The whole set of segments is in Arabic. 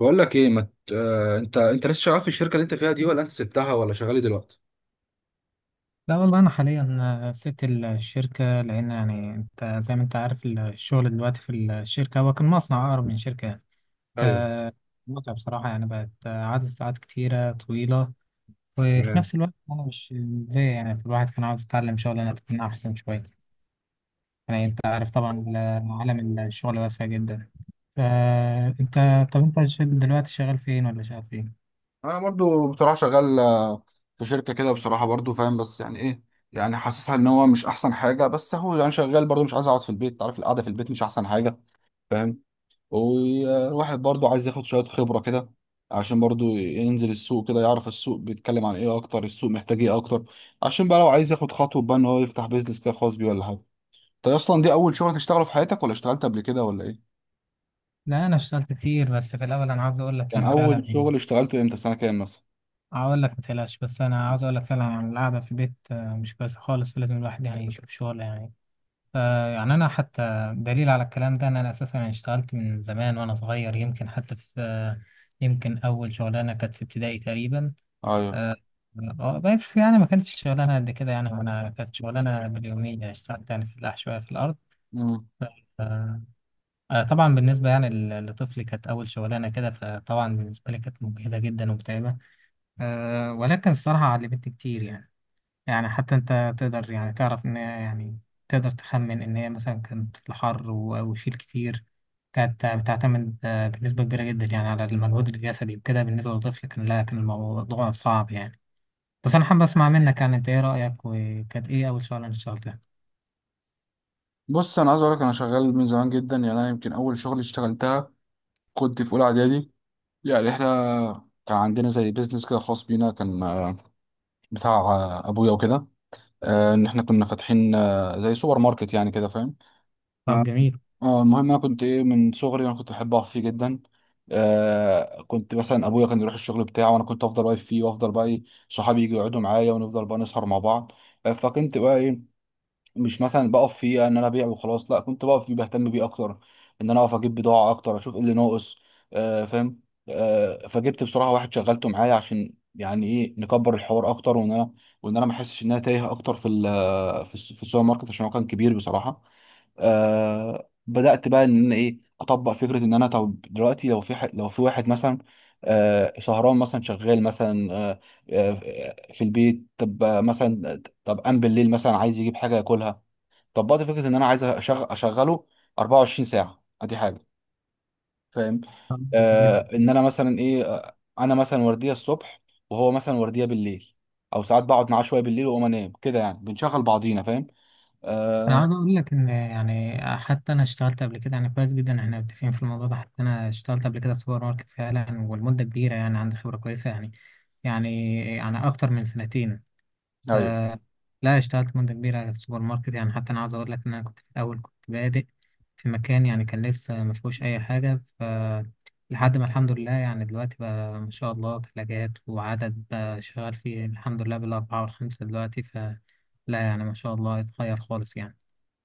بقول لك ايه ما ت... آه... انت لسه شغال في الشركه اللي انت فيها دي، ولا انت سبتها، ولا شغال إيه دلوقتي؟ لا، والله أنا حاليا سبت الشركة، لأن يعني أنت زي ما أنت عارف الشغل دلوقتي في الشركة، هو كان مصنع أقرب من شركة يعني ايوه. متعب بصراحة. يعني بقت عدد ساعات كتيرة طويلة، وفي تمام. نفس الوقت أنا مش زي يعني الواحد كان عاوز يتعلم شغلانة تكون أحسن شوية. يعني أنت عارف طبعا، عالم الشغل واسع جدا. فأنت طب أنت دلوقتي شغال فين ولا شغال فين؟ انا برضو بصراحه شغال، في شركه كده بصراحه، برضو فاهم، بس يعني ايه، يعني حاسسها ان هو مش احسن حاجه، بس هو يعني شغال برضو، مش عايز اقعد في البيت، عارف القعده في البيت مش احسن حاجه. فاهم. والواحد برضو عايز ياخد شويه خبره كده، عشان برضو ينزل السوق كده يعرف السوق بيتكلم عن ايه اكتر، السوق محتاج ايه اكتر، عشان بقى لو عايز ياخد خطوه بقى ان هو يفتح بيزنس كده خاص بيه ولا حاجه. انت اصلا دي اول شغل تشتغله في حياتك، ولا اشتغلت قبل كده ولا ايه؟ لا، أنا اشتغلت كتير، بس في الأول أنا عاوز أقول لك كان يعني فعلا اول شغل اشتغلته امتى، في سنه كام مثلا؟ هقول لك ما تقلقش. بس انا عاوز اقول لك فعلا يعني القعده في البيت مش كويسه خالص، فلازم الواحد يعني يشوف شغل يعني. ف- يعني انا حتى دليل على الكلام ده ان انا اساسا يعني اشتغلت من زمان وانا صغير، يمكن حتى في يمكن اول شغلانه كانت في ابتدائي تقريبا. ايوه. آه، بس يعني ما كانتش شغلانه قد كده. يعني انا كانت شغلانه باليوميه، اشتغلت يعني في الفلاح شويه في الارض. مم. آه، طبعا بالنسبه يعني لطفلي كانت اول شغلانه كده، فطبعا بالنسبه لي كانت مجهده جدا ومتعبه. ولكن الصراحه علمتني كتير يعني. يعني حتى انت تقدر يعني تعرف ان هي يعني تقدر تخمن ان هي مثلا كانت في الحر وشيل كتير. كانت بتعتمد بنسبة كبيرة جدا يعني على المجهود الجسدي وكده. بالنسبة للطفل كان لا، كان الموضوع صعب يعني. بس انا حابب اسمع منك يعني انت ايه رأيك، وكانت ايه اول شغلة انت اشتغلتها؟ بص انا عايز اقول لك، انا شغال من زمان جدا. يعني انا يمكن اول شغل اشتغلتها كنت في اولى اعدادي. يعني احنا كان عندنا زي بيزنس كده خاص بينا، كان بتاع ابويا وكده. ان احنا كنا فاتحين زي سوبر ماركت يعني كده، فاهم. ف- طب جميل. اه، المهم انا كنت ايه، من صغري انا كنت بحب اقف فيه جدا. كنت مثلا ابويا كان يروح الشغل بتاعه، وانا كنت افضل واقف فيه وافضل بقى ايه، صحابي يجوا يقعدوا معايا ونفضل بقى نسهر مع بعض. فكنت بقى ايه، مش مثلا بقف فيه ان انا ابيع وخلاص، لا، كنت بقف فيه بهتم بيه اكتر، ان انا اقف اجيب بضاعه اكتر، اشوف ايه اللي ناقص. فاهم. فجبت بصراحه واحد شغلته معايا عشان يعني ايه نكبر الحوار اكتر، وان انا ما احسش ان انا تايه اكتر في السوبر ماركت، عشان هو كان كبير بصراحه. بدأت بقى ان انا ايه اطبق فكرة، ان انا طب دلوقتي لو في واحد مثلا شهران مثلا شغال، مثلا في البيت، طب مثلا طب قام بالليل مثلا عايز يجيب حاجة ياكلها، طبقت فكرة ان انا عايز اشغله 24 ساعة، ادي حاجة، فاهم. طب جميل جدا. ان انا مثلا ايه، انا مثلا وردية الصبح، وهو مثلا وردية بالليل، او ساعات بقعد معاه شوية بالليل واقوم انام كده، يعني بنشغل بعضينا، فاهم. انا آه... عاوز اقول لك ان يعني حتى انا اشتغلت قبل كده يعني كويس جدا، احنا متفقين في الموضوع ده. حتى انا اشتغلت قبل كده في سوبر ماركت فعلا، والمدة كبيرة يعني، عندي خبرة كويسة يعني اكتر من سنتين. ف- لا، اشتغلت مدة كبيرة في السوبر ماركت. يعني حتى أنا عاوز أقول لك إن أنا كنت في الأول كنت بادئ في مكان يعني كان لسه ما فيهوش أي حاجة. لحد ما الحمد لله يعني دلوقتي بقى ما شاء الله ثلاجات وعدد بقى شغال فيه الحمد لله بالأربعة والخمسة دلوقتي. لا يعني ما شاء الله اتغير خالص يعني.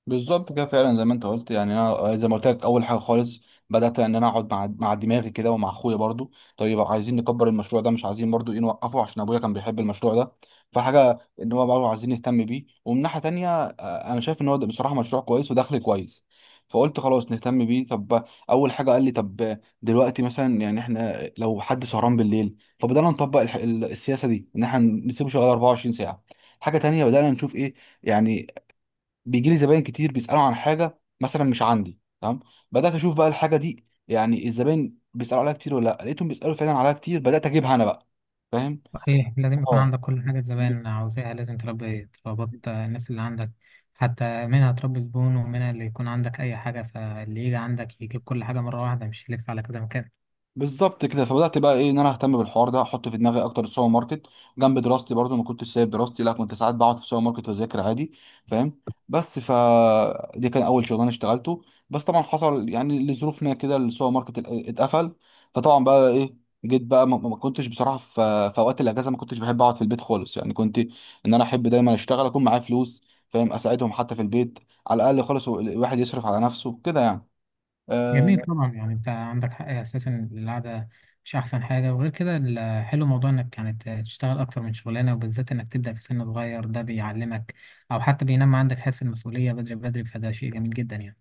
بالظبط كده، فعلا زي ما انت قلت. يعني انا زي ما قلت لك، اول حاجه خالص بدات ان انا اقعد مع دماغي كده، ومع اخويا برضو، طيب عايزين نكبر المشروع ده، مش عايزين برضو ايه نوقفه، عشان ابويا كان بيحب المشروع ده، فحاجه ان هو برضو عايزين نهتم بيه، ومن ناحيه تانيه انا شايف ان هو ده بصراحه مشروع كويس ودخل كويس. فقلت خلاص نهتم بيه. طب اول حاجه قال لي طب دلوقتي مثلا، يعني احنا لو حد سهران بالليل، فبدانا نطبق السياسه دي، ان احنا نسيبه شغال 24 ساعه. حاجه تانيه بدانا نشوف ايه، يعني بيجي لي زباين كتير بيسالوا عن حاجه مثلا مش عندي، تمام. بدات اشوف بقى الحاجه دي، يعني الزباين بيسالوا عليها كتير ولا لا، لقيتهم بيسالوا فعلا عليها كتير، بدات اجيبها انا بقى، فاهم. صحيح، لازم يكون اه، عندك كل حاجة الزبائن عاوزاها، لازم تربط الناس اللي عندك، حتى منها تربي زبون، ومنها اللي يكون عندك أي حاجة، فاللي يجي عندك يجيب كل حاجة مرة واحدة، مش يلف على كذا مكان. بالظبط كده، فبدات بقى ايه ان انا اهتم بالحوار ده، احط في دماغي اكتر السوبر ماركت جنب دراستي، برضو ما كنتش سايب دراستي، لا كنت ساعات بقعد في السوبر ماركت واذاكر عادي، فاهم. بس دي كان اول شغلانه اشتغلته. بس طبعا حصل يعني لظروف ما كده السوبر ماركت اتقفل، فطبعا بقى ايه جيت بقى، ما كنتش بصراحه في اوقات الاجازه، ما كنتش بحب اقعد في البيت خالص يعني، كنت ان انا احب دايما اشتغل، اكون معايا فلوس، فاهم، اساعدهم حتى في البيت، على الاقل خالص الواحد يصرف على نفسه كده يعني. جميل. آه، طبعا يعني انت عندك حق اساسا إن القعده مش احسن حاجه. وغير كده الحلو موضوع انك يعني تشتغل اكتر من شغلانه، وبالذات انك تبدا في سن صغير. ده بيعلمك او حتى بينمى عندك حس المسؤوليه بدري بدري، فده شيء جميل جدا يعني.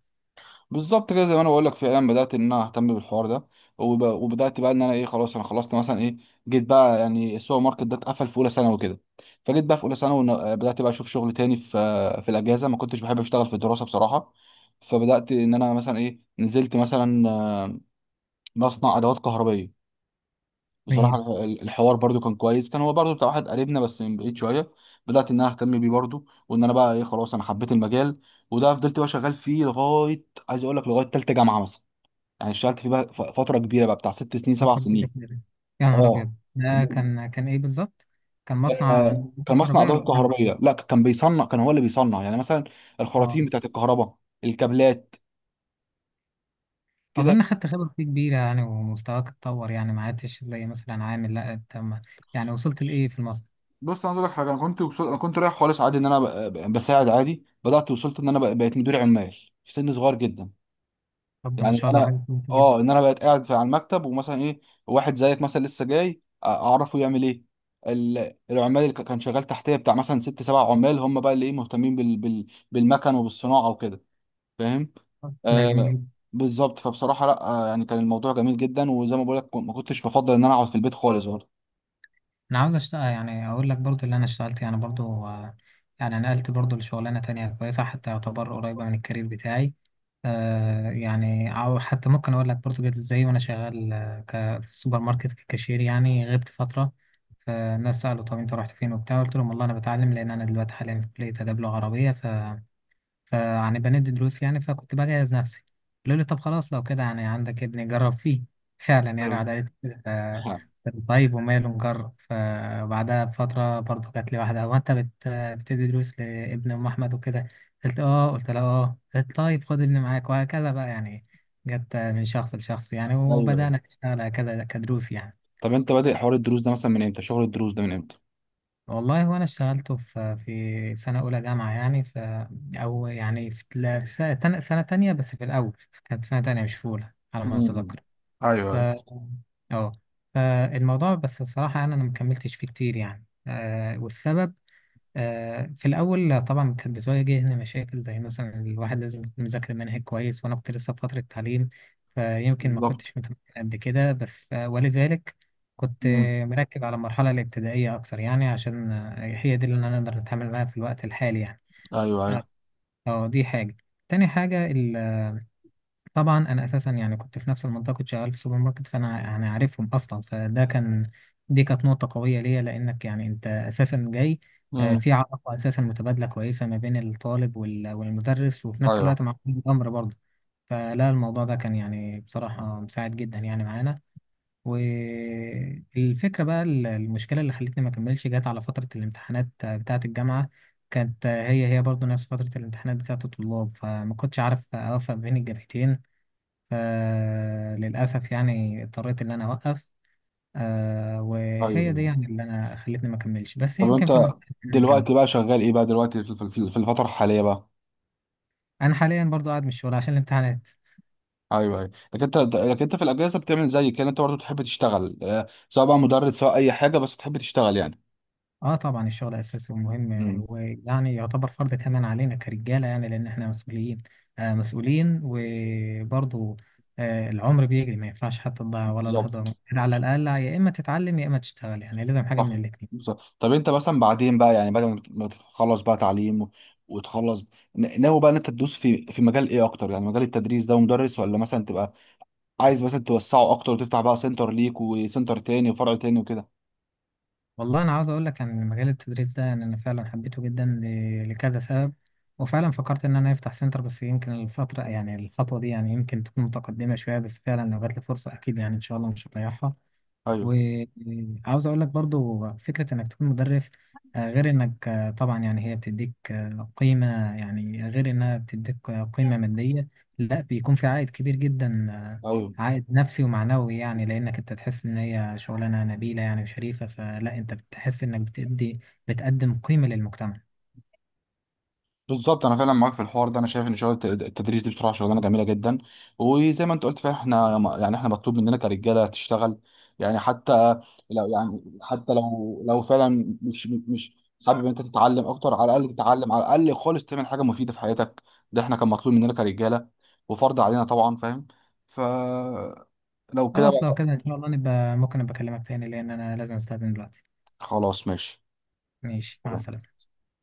بالظبط كده، زي ما انا بقول لك فعلا بدات ان انا اهتم بالحوار ده، وبدات بقى ان انا ايه خلاص، انا خلصت مثلا ايه، جيت بقى يعني السوبر ماركت ده اتقفل في اولى ثانوي وكده، فجيت بقى في اولى ثانوي بدات بقى اشوف شغل تاني في في الاجازه، ما كنتش بحب اشتغل في الدراسه بصراحه. فبدات ان انا مثلا ايه، نزلت مثلا مصنع ادوات كهربائيه بصراحه. جميل. الحوار برضو كان كويس، كان هو برضو بتاع واحد قريبنا، بس من بعيد شويه. بدات ان انا اهتم بيه برضو، وان انا بقى ايه خلاص انا حبيت المجال، وده فضلت بقى شغال فيه لغايه عايز اقول لك لغايه ثالثه جامعه مثلا، يعني اشتغلت فيه بقى فتره كبيره بقى بتاع 6 سنين سبع فتره كبيره سنين كده! يا نهار اه، ابيض! ده كان ايه بالظبط؟ كان مصنع كان مصنع كهربائي ولا ادوات محل؟ كهربائيه، لا كان بيصنع، كان هو اللي بيصنع يعني مثلا الخراطيم اه، بتاعت الكهرباء، الكابلات كده. اظن خدت خبره فيه كبيره يعني، ومستواك اتطور يعني ما عدتش زي مثلا عامل، لا انت يعني وصلت لايه في المصنع؟ بص انا عايز اقول لك حاجه، انا انا كنت رايح خالص عادي، ان انا بساعد عادي، بدات وصلت ان انا بقيت مدير عمال في سن صغير جدا، طب ده ما يعني ان شاء الله انا حاجه كويسه جدا. اه ان انا بقيت قاعد في على المكتب، ومثلا ايه واحد زيك مثلا لسه جاي اعرفه يعمل ايه، العمال اللي كان شغال تحتيه بتاع مثلا ست سبع عمال، هم بقى اللي ايه مهتمين بالمكن وبالصناعه وكده، فاهم. ده جميل آه جدا. بالظبط. فبصراحه لا، آه يعني كان الموضوع جميل جدا، وزي ما بقول لك ما كنتش بفضل ان انا اقعد في البيت خالص برضه. انا عاوز اشتغل، يعني اقول لك برضو اللي انا اشتغلت يعني برضو، يعني نقلت برضو لشغلانه تانية كويسه، حتى يعتبر قريبه من الكارير بتاعي. يعني او حتى ممكن اقول لك برضو جت ازاي، وانا شغال في السوبر ماركت ككاشير، يعني غبت فتره. فالناس سالوا طب انت رحت فين وبتاع، قلت لهم والله انا بتعلم لان انا دلوقتي حاليا في كليه اداب لغه عربيه، فهنبقى ندي دروس يعني، فكنت بجهز نفسي. قالوا لي طب خلاص لو كده يعني عندك ابني جرب فيه. فعلا يعني قعد ايوه. قالت لي، آه، طيب وماله نجرب. فبعدها بفترة برضه جات لي واحدة، هو أنت بتدي دروس لابن أم أحمد وكده؟ قلت لها آه، قالت طيب خد ابني معاك، وهكذا بقى يعني، جت من شخص لشخص يعني، ايوه. وبدأنا نشتغل هكذا كدروس يعني. طب انت بادئ حوار الدروس ده مثلا من امتى، شغل الدروس ده من امتى؟ والله هو انا اشتغلته في سنه اولى جامعه يعني. او يعني في لا، في سنه تانية. بس في الاول كانت سنه تانية مش في اولى على ما امم. اتذكر. ايوه، ف ايوه. اه فالموضوع، بس الصراحه أنا ما كملتش فيه كتير يعني. والسبب في الأول طبعا كانت بتواجهني مشاكل زي مثلا الواحد لازم يكون مذاكر منهج كويس، وأنا كنت لسه في فترة تعليم. فيمكن ما بالظبط. كنتش متمكن قد كده، بس ولذلك كنت مم. مركز على المرحلة الابتدائية أكتر، يعني عشان هي دي اللي أنا أقدر أتعامل معاها في الوقت الحالي يعني. ايوه، آه، ايوه. دي حاجة. تاني حاجة، طبعا انا اساسا يعني كنت في نفس المنطقه، كنت شغال في سوبر ماركت، فانا يعني عارفهم اصلا، فده كان. دي كانت نقطه قويه ليا، لانك يعني انت اساسا جاي امم. في علاقه اساسا متبادله كويسه ما بين الطالب والمدرس، وفي نفس ايوه، الوقت مع ولي الامر برضه. فلا الموضوع ده كان يعني بصراحه مساعد جدا يعني معانا. والفكره بقى المشكله اللي خلتني ما اكملش جت على فتره الامتحانات بتاعه الجامعه. كانت هي هي برضه نفس فتره الامتحانات بتاعه الطلاب، فما كنتش عارف اوفق بين الجامعتين. فللأسف يعني اضطريت إن أنا أوقف. وهي ايوه. دي يعني اللي أنا خلتني ما أكملش، بس طب يمكن انت في المستقبل يعني نكمل. دلوقتي بقى شغال ايه بقى دلوقتي في الفتره الحاليه بقى؟ أنا حاليا برضو قاعد من الشغل عشان الامتحانات. ايوه، ايوه. لكن انت في الاجازه بتعمل زي كده، انت برضه تحب تشتغل، سواء بقى مدرس سواء اي حاجه، بس تحب تشتغل يعني. أه، طبعا الشغل أساسي ومهم، مم. ويعني يعتبر فرض كمان علينا كرجالة، يعني لأن إحنا مسؤولين وبرضو العمر بيجري، ما ينفعش حتى تضيع ولا بالظبط. لحظة. على الأقل يا إما تتعلم يا إما تشتغل، يعني لازم حاجة من صح. الاتنين. بالظبط. طب انت مثلا بعدين بقى يعني بعد ما تخلص بقى تعليم وتخلص، ناوي بقى ان انت تدوس في مجال ايه اكتر، يعني مجال التدريس ده ومدرس، ولا مثلا تبقى عايز مثلا توسعه اكتر، وتفتح بقى سنتر ليك وسنتر تاني وفرع تاني وكده؟ والله انا عاوز اقول لك ان مجال التدريس ده يعني انا فعلا حبيته جدا لكذا سبب، وفعلا فكرت ان انا افتح سنتر. بس يمكن الفتره يعني الخطوه دي يعني يمكن تكون متقدمه شويه، بس فعلا لو جات لي فرصه اكيد يعني ان شاء الله مش هضيعها. ايوه، وعاوز اقول لك برضو فكرة انك تكون مدرس، غير انك طبعا يعني هي بتديك قيمة، يعني غير انها بتديك قيمة مادية. لا، بيكون في عائد كبير جدا ايوه. عائد نفسي ومعنوي يعني، لانك انت تحس ان هي شغلانة نبيلة يعني وشريفة. فلا انت بتحس انك بتقدم قيمة للمجتمع. بالظبط، انا فعلا معاك في الحوار ده، انا شايف ان شغل التدريس دي بصراحه شغلانه جميله جدا. وزي ما انت قلت فعلا احنا يعني احنا مطلوب مننا كرجاله تشتغل، يعني حتى لو يعني حتى لو فعلا مش حابب انت تتعلم اكتر، على الاقل تتعلم، على الاقل خالص تعمل حاجه مفيده في حياتك. ده احنا كان مطلوب مننا كرجاله، وفرض علينا طبعا، فاهم. فلو كده خلاص، لو بقى، كده ان شاء الله ممكن ابقى اكلمك تاني، لان انا لازم استأذن دلوقتي. خلاص ماشي. ماشي، مع سلام. السلامة.